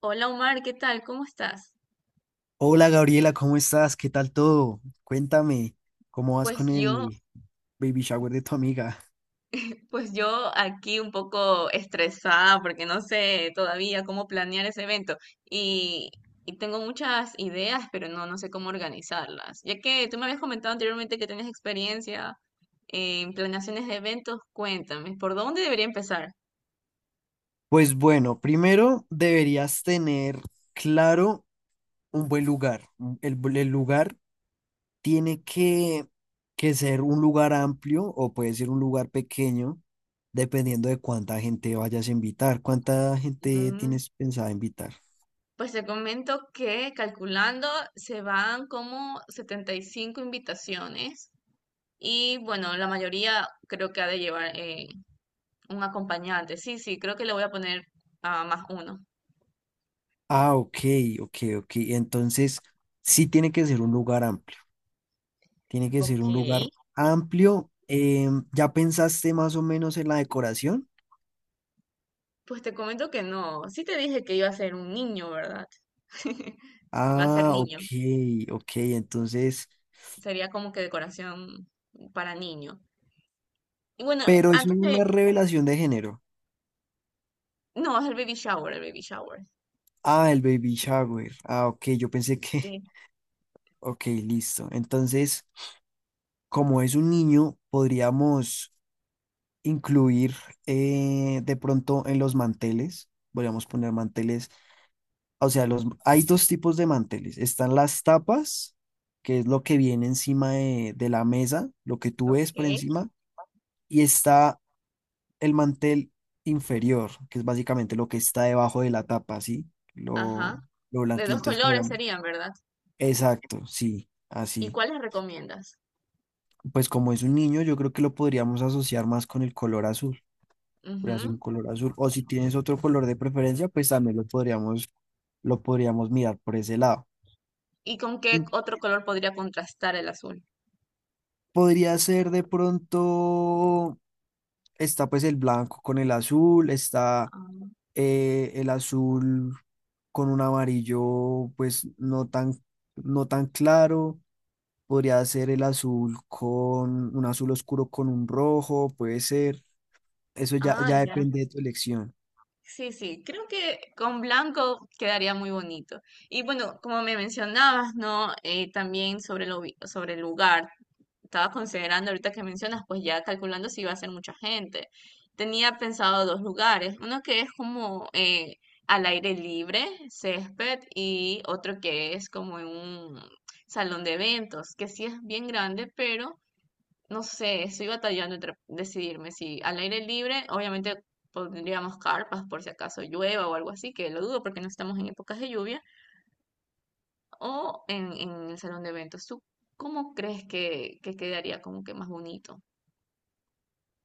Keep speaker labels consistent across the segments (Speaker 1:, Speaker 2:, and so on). Speaker 1: Hola Omar, ¿qué tal? ¿Cómo estás?
Speaker 2: Hola Gabriela, ¿cómo estás? ¿Qué tal todo? Cuéntame, ¿cómo vas
Speaker 1: Pues
Speaker 2: con
Speaker 1: yo,
Speaker 2: el baby shower de tu amiga?
Speaker 1: pues yo aquí un poco estresada porque no sé todavía cómo planear ese evento y, y tengo muchas ideas, pero no sé cómo organizarlas. Ya que tú me habías comentado anteriormente que tenías experiencia en planeaciones de eventos, cuéntame, ¿por dónde debería empezar?
Speaker 2: Pues bueno, primero deberías tener claro un buen lugar. El lugar tiene que ser un lugar amplio o puede ser un lugar pequeño, dependiendo de cuánta gente vayas a invitar. ¿Cuánta gente
Speaker 1: Mm,
Speaker 2: tienes pensada invitar?
Speaker 1: Pues te comento que calculando se van como 75 invitaciones. Y bueno, la mayoría creo que ha de llevar un acompañante. Sí, sí, creo que le voy a poner a más uno.
Speaker 2: Ah, ok, ok, ok. Entonces, sí tiene que ser un lugar amplio. Tiene que ser
Speaker 1: Ok.
Speaker 2: un lugar amplio. ¿Ya pensaste más o menos en la decoración?
Speaker 1: Pues te comento que no. Sí te dije que iba a ser un niño, ¿verdad? Va a ser
Speaker 2: Ah, ok,
Speaker 1: niño.
Speaker 2: ok, entonces,
Speaker 1: Sería como que decoración para niño. Y bueno,
Speaker 2: pero es
Speaker 1: antes
Speaker 2: una
Speaker 1: de...
Speaker 2: revelación de género.
Speaker 1: No, es el baby shower, el baby shower.
Speaker 2: Ah, el baby shower. Ah, ok, yo pensé que,
Speaker 1: Sí,
Speaker 2: ok, listo. Entonces, como es un niño, podríamos incluir de pronto en los manteles, podríamos poner manteles. O sea, hay dos tipos de manteles. Están las tapas, que es lo que viene encima de la mesa, lo que tú ves por
Speaker 1: ok.
Speaker 2: encima, y está el mantel inferior, que es básicamente lo que está debajo de la tapa, ¿sí?
Speaker 1: Ajá.
Speaker 2: Lo, lo
Speaker 1: De
Speaker 2: blanquito.
Speaker 1: dos
Speaker 2: Entonces,
Speaker 1: colores serían, ¿verdad?
Speaker 2: exacto, sí,
Speaker 1: ¿Y
Speaker 2: así.
Speaker 1: cuáles recomiendas?
Speaker 2: Pues como es un niño, yo creo que lo podríamos asociar más con el color azul. Podría ser
Speaker 1: Ujú.
Speaker 2: un color azul. O si tienes otro color de preferencia, pues también lo podríamos mirar por ese lado.
Speaker 1: ¿Y con qué otro color podría contrastar el azul?
Speaker 2: Podría ser de pronto, está pues el blanco con el azul, está
Speaker 1: Ah,
Speaker 2: el azul con un amarillo pues no tan claro, podría ser el azul con un azul oscuro con un rojo, puede ser,
Speaker 1: ah,
Speaker 2: ya
Speaker 1: ya.
Speaker 2: depende de tu elección.
Speaker 1: Sí, sí, creo que con blanco quedaría muy bonito. Y bueno, como me mencionabas, ¿no? También sobre el lugar. Estaba considerando ahorita que mencionas, pues ya calculando si iba a ser mucha gente. Tenía pensado dos lugares, uno que es como al aire libre, césped, y otro que es como en un salón de eventos, que sí es bien grande, pero no sé, estoy batallando entre decidirme si al aire libre, obviamente pondríamos carpas por si acaso llueva o algo así, que lo dudo porque no estamos en épocas de lluvia, o en el salón de eventos. ¿Tú cómo crees que quedaría como que más bonito?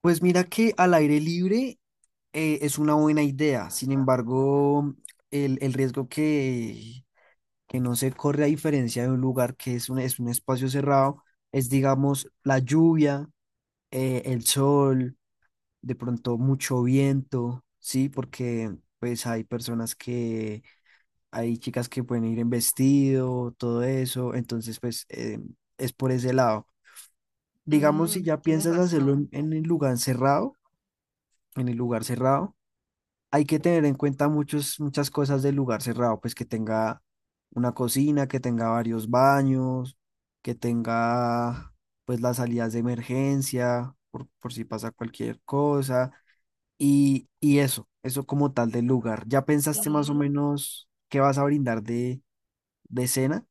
Speaker 2: Pues mira que al aire libre es una buena idea. Sin embargo, el riesgo que no se corre a diferencia de un lugar que es es un espacio cerrado, es digamos la lluvia, el sol, de pronto mucho viento, ¿sí? Porque pues hay hay chicas que pueden ir en vestido, todo eso, entonces pues es por ese lado. Digamos, si
Speaker 1: Mm,
Speaker 2: ya
Speaker 1: tienes
Speaker 2: piensas hacerlo
Speaker 1: razón.
Speaker 2: en el lugar cerrado, en el lugar cerrado, hay que tener en cuenta muchas cosas del lugar cerrado, pues que tenga una cocina, que tenga varios baños, que tenga pues las salidas de emergencia, por si pasa cualquier cosa, y eso como tal del lugar. ¿Ya pensaste más o
Speaker 1: Mm,
Speaker 2: menos qué vas a brindar de cena?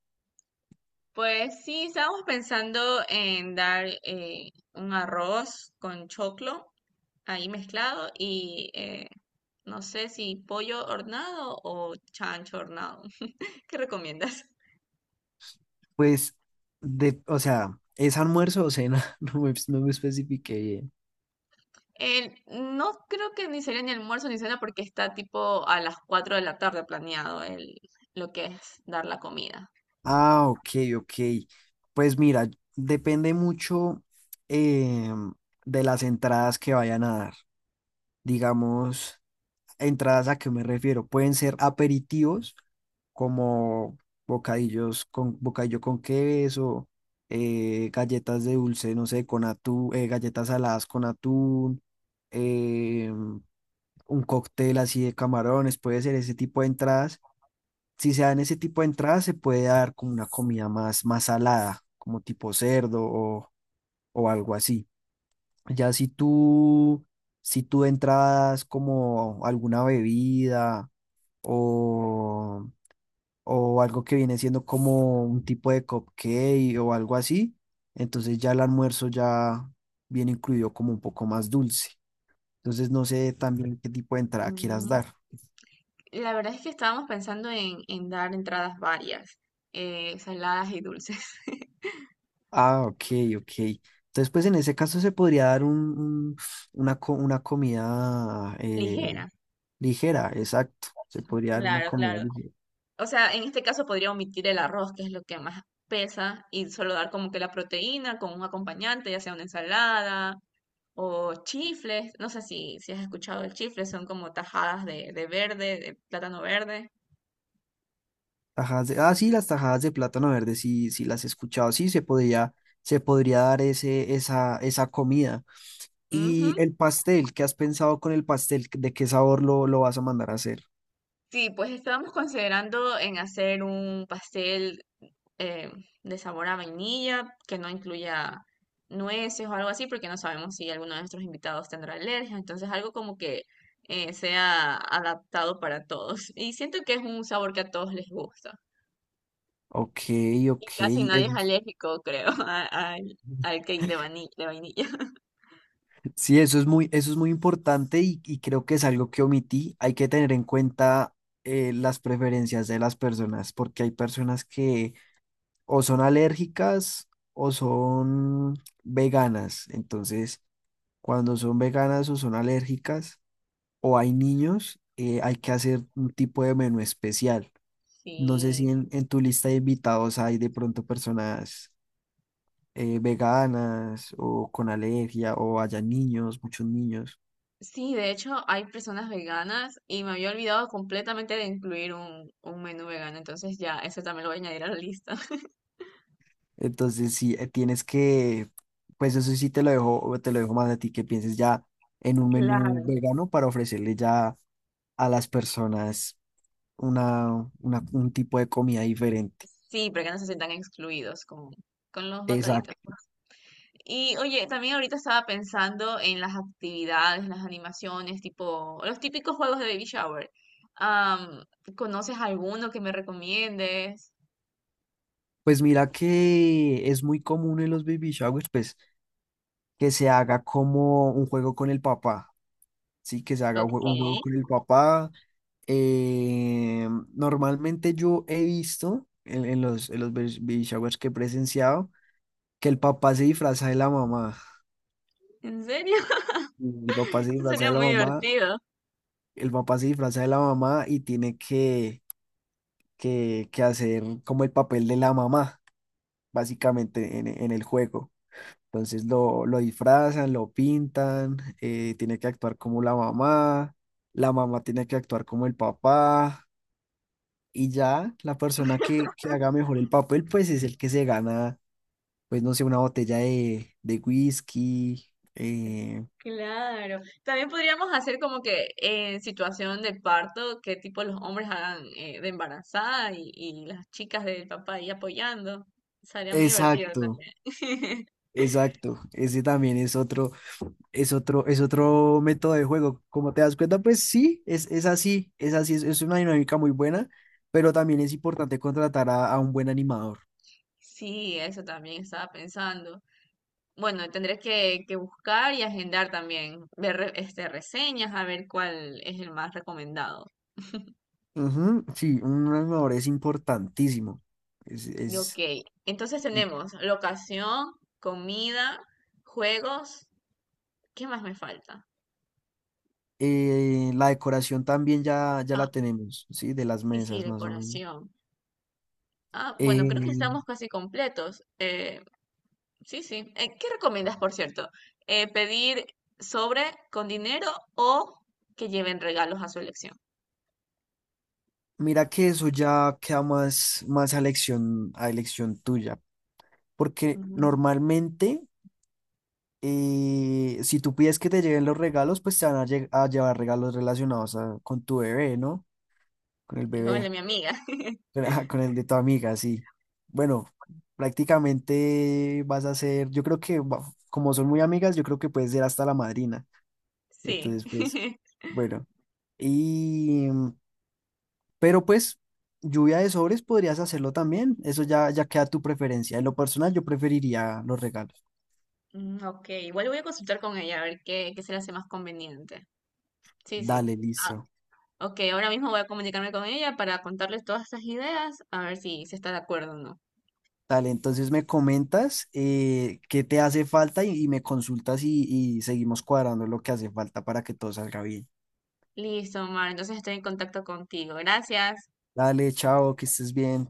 Speaker 1: pues sí, estábamos pensando en dar un arroz con choclo ahí mezclado y no sé si pollo hornado o chancho hornado. ¿Qué recomiendas?
Speaker 2: Pues, o sea, ¿es almuerzo o cena? No me especifiqué bien.
Speaker 1: No creo que ni sería ni almuerzo ni cena porque está tipo a las 4 de la tarde planeado el, lo que es dar la comida.
Speaker 2: Ah, ok, ok. Pues mira, depende mucho em, de las entradas que vayan a dar. Digamos, entradas a qué me refiero. Pueden ser aperitivos como bocadillos con bocadillo con queso, galletas de dulce, no sé, con atún, galletas saladas con atún, em, un cóctel así de camarones, puede ser ese tipo de entradas. Si se dan ese tipo de entradas, se puede dar como una comida más salada, como tipo cerdo o algo así. Ya si tú, si tú de entrada como alguna bebida o, o algo que viene siendo como un tipo de cupcake o algo así, entonces ya el almuerzo ya viene incluido como un poco más dulce. Entonces no sé también qué tipo de entrada quieras
Speaker 1: Mm,
Speaker 2: dar.
Speaker 1: La verdad es que estábamos pensando en dar entradas varias, saladas y dulces.
Speaker 2: Ah, ok, ok. Entonces, pues en ese caso se podría dar un- una comida
Speaker 1: Ligera.
Speaker 2: ligera, exacto. Se podría dar una
Speaker 1: Claro,
Speaker 2: comida
Speaker 1: claro.
Speaker 2: ligera.
Speaker 1: O sea, en este caso podría omitir el arroz, que es lo que más pesa, y solo dar como que la proteína con un acompañante, ya sea una ensalada o chifles. No sé si has escuchado el chifle, son como tajadas de verde, de plátano verde.
Speaker 2: Tajadas de, ah, sí, las tajadas de plátano verde, sí, sí las he escuchado. Sí, se podría dar esa comida.
Speaker 1: Ujú.
Speaker 2: Y el pastel, ¿qué has pensado con el pastel? ¿De qué sabor lo vas a mandar a hacer?
Speaker 1: Sí, pues estábamos considerando en hacer un pastel eh, de sabor a vainilla, que no incluya nueces o algo así, porque no sabemos si alguno de nuestros invitados tendrá alergia. Entonces, algo como que sea adaptado para todos. Y siento que es un sabor que a todos les gusta.
Speaker 2: Ok,
Speaker 1: Y
Speaker 2: ok.
Speaker 1: casi nadie es alérgico, creo, al,
Speaker 2: es-
Speaker 1: al cake de vainilla.
Speaker 2: Sí, eso es muy importante y creo que es algo que omití. Hay que tener en cuenta las preferencias de las personas, porque hay personas que o son alérgicas o son veganas. Entonces, cuando son veganas o son alérgicas o hay niños, hay que hacer un tipo de menú especial. No sé
Speaker 1: Sí,
Speaker 2: si en tu lista de invitados hay de pronto personas veganas o con alergia o haya niños, muchos niños.
Speaker 1: sí, de hecho hay personas veganas y me había olvidado completamente de incluir un menú vegano, entonces ya, ese también lo voy a añadir a la lista.
Speaker 2: Entonces, sí, tienes que, pues eso sí te lo dejo más a ti, que pienses ya en un menú
Speaker 1: Claro.
Speaker 2: vegano para ofrecerle ya a las personas un tipo de comida diferente.
Speaker 1: Sí, para que no se sientan excluidos con los bacaditos,
Speaker 2: Exacto.
Speaker 1: pues. Y oye, también ahorita estaba pensando en las actividades, las animaciones, tipo los típicos juegos de baby shower. Am, ¿conoces alguno que me recomiendes?
Speaker 2: Pues mira que es muy común en los baby showers, pues que se haga como un juego con el papá, sí, que se haga
Speaker 1: Ok,
Speaker 2: un juego con el papá. Eh, normalmente yo he visto en los baby showers que he presenciado, que el papá se disfraza de la mamá.
Speaker 1: ¿en serio?
Speaker 2: El papá se
Speaker 1: Eso
Speaker 2: disfraza
Speaker 1: sería
Speaker 2: de la
Speaker 1: muy
Speaker 2: mamá,
Speaker 1: divertido.
Speaker 2: el papá se disfraza de la mamá y que hacer como el papel de la mamá, básicamente, en el juego. Entonces lo disfrazan, lo pintan, tiene que actuar como la mamá tiene que actuar como el papá y ya la que haga mejor el papel, pues es el que se gana, pues no sé, una botella de whisky.
Speaker 1: Claro. También podríamos hacer como que en situación de parto, que tipo los hombres hagan de embarazada y las chicas del papá ahí apoyando. Sería muy divertido
Speaker 2: Exacto.
Speaker 1: también.
Speaker 2: Exacto, ese también es otro, es otro método de juego. Como te das cuenta, pues sí, es así, es así, es una dinámica muy buena, pero también es importante contratar a un buen animador.
Speaker 1: Sí, eso también estaba pensando. Bueno, tendré que buscar y agendar también, ver este, reseñas, a ver cuál es el más recomendado.
Speaker 2: Ujú, sí, un animador es importantísimo. Es,
Speaker 1: Y ok,
Speaker 2: es,
Speaker 1: entonces tenemos locación, comida, juegos. ¿Qué más me falta?
Speaker 2: la decoración también ya, ya
Speaker 1: Ah,
Speaker 2: la tenemos, sí, de las
Speaker 1: sí, sí,
Speaker 2: mesas más o menos.
Speaker 1: decoración. Ah, bueno, creo que
Speaker 2: Eh,
Speaker 1: estamos casi completos. Sí, sí. ¿Qué recomiendas, por cierto? ¿Pedir sobre con dinero o que lleven regalos a su elección?
Speaker 2: mira que eso ya queda más a elección tuya, porque
Speaker 1: Ujú.
Speaker 2: normalmente. Y si tú pides que te lleguen los regalos, pues te van a, a llevar regalos relacionados a- con tu bebé, ¿no? Con el
Speaker 1: Y con el de
Speaker 2: bebé,
Speaker 1: mi amiga.
Speaker 2: con, con el de tu amiga, sí. Bueno, prácticamente vas a ser, yo creo que como son muy amigas, yo creo que puedes ser hasta la madrina.
Speaker 1: Sí.
Speaker 2: Entonces, pues, bueno. Y, mm, pero pues, lluvia de sobres podrías hacerlo también. Eso ya, ya queda a tu preferencia. En lo personal, yo preferiría los regalos.
Speaker 1: Ok, igual voy a consultar con ella a ver qué se le hace más conveniente. Sí, sí.
Speaker 2: Dale,
Speaker 1: Ah,
Speaker 2: listo.
Speaker 1: ok, ahora mismo voy a comunicarme con ella para contarles todas estas ideas, a ver si se está de acuerdo o no.
Speaker 2: Dale, entonces me comentas qué te hace falta y me consultas y seguimos cuadrando lo que hace falta para que todo salga bien.
Speaker 1: Listo, Omar, entonces estoy en contacto contigo. Gracias.
Speaker 2: Dale, chao, que estés bien.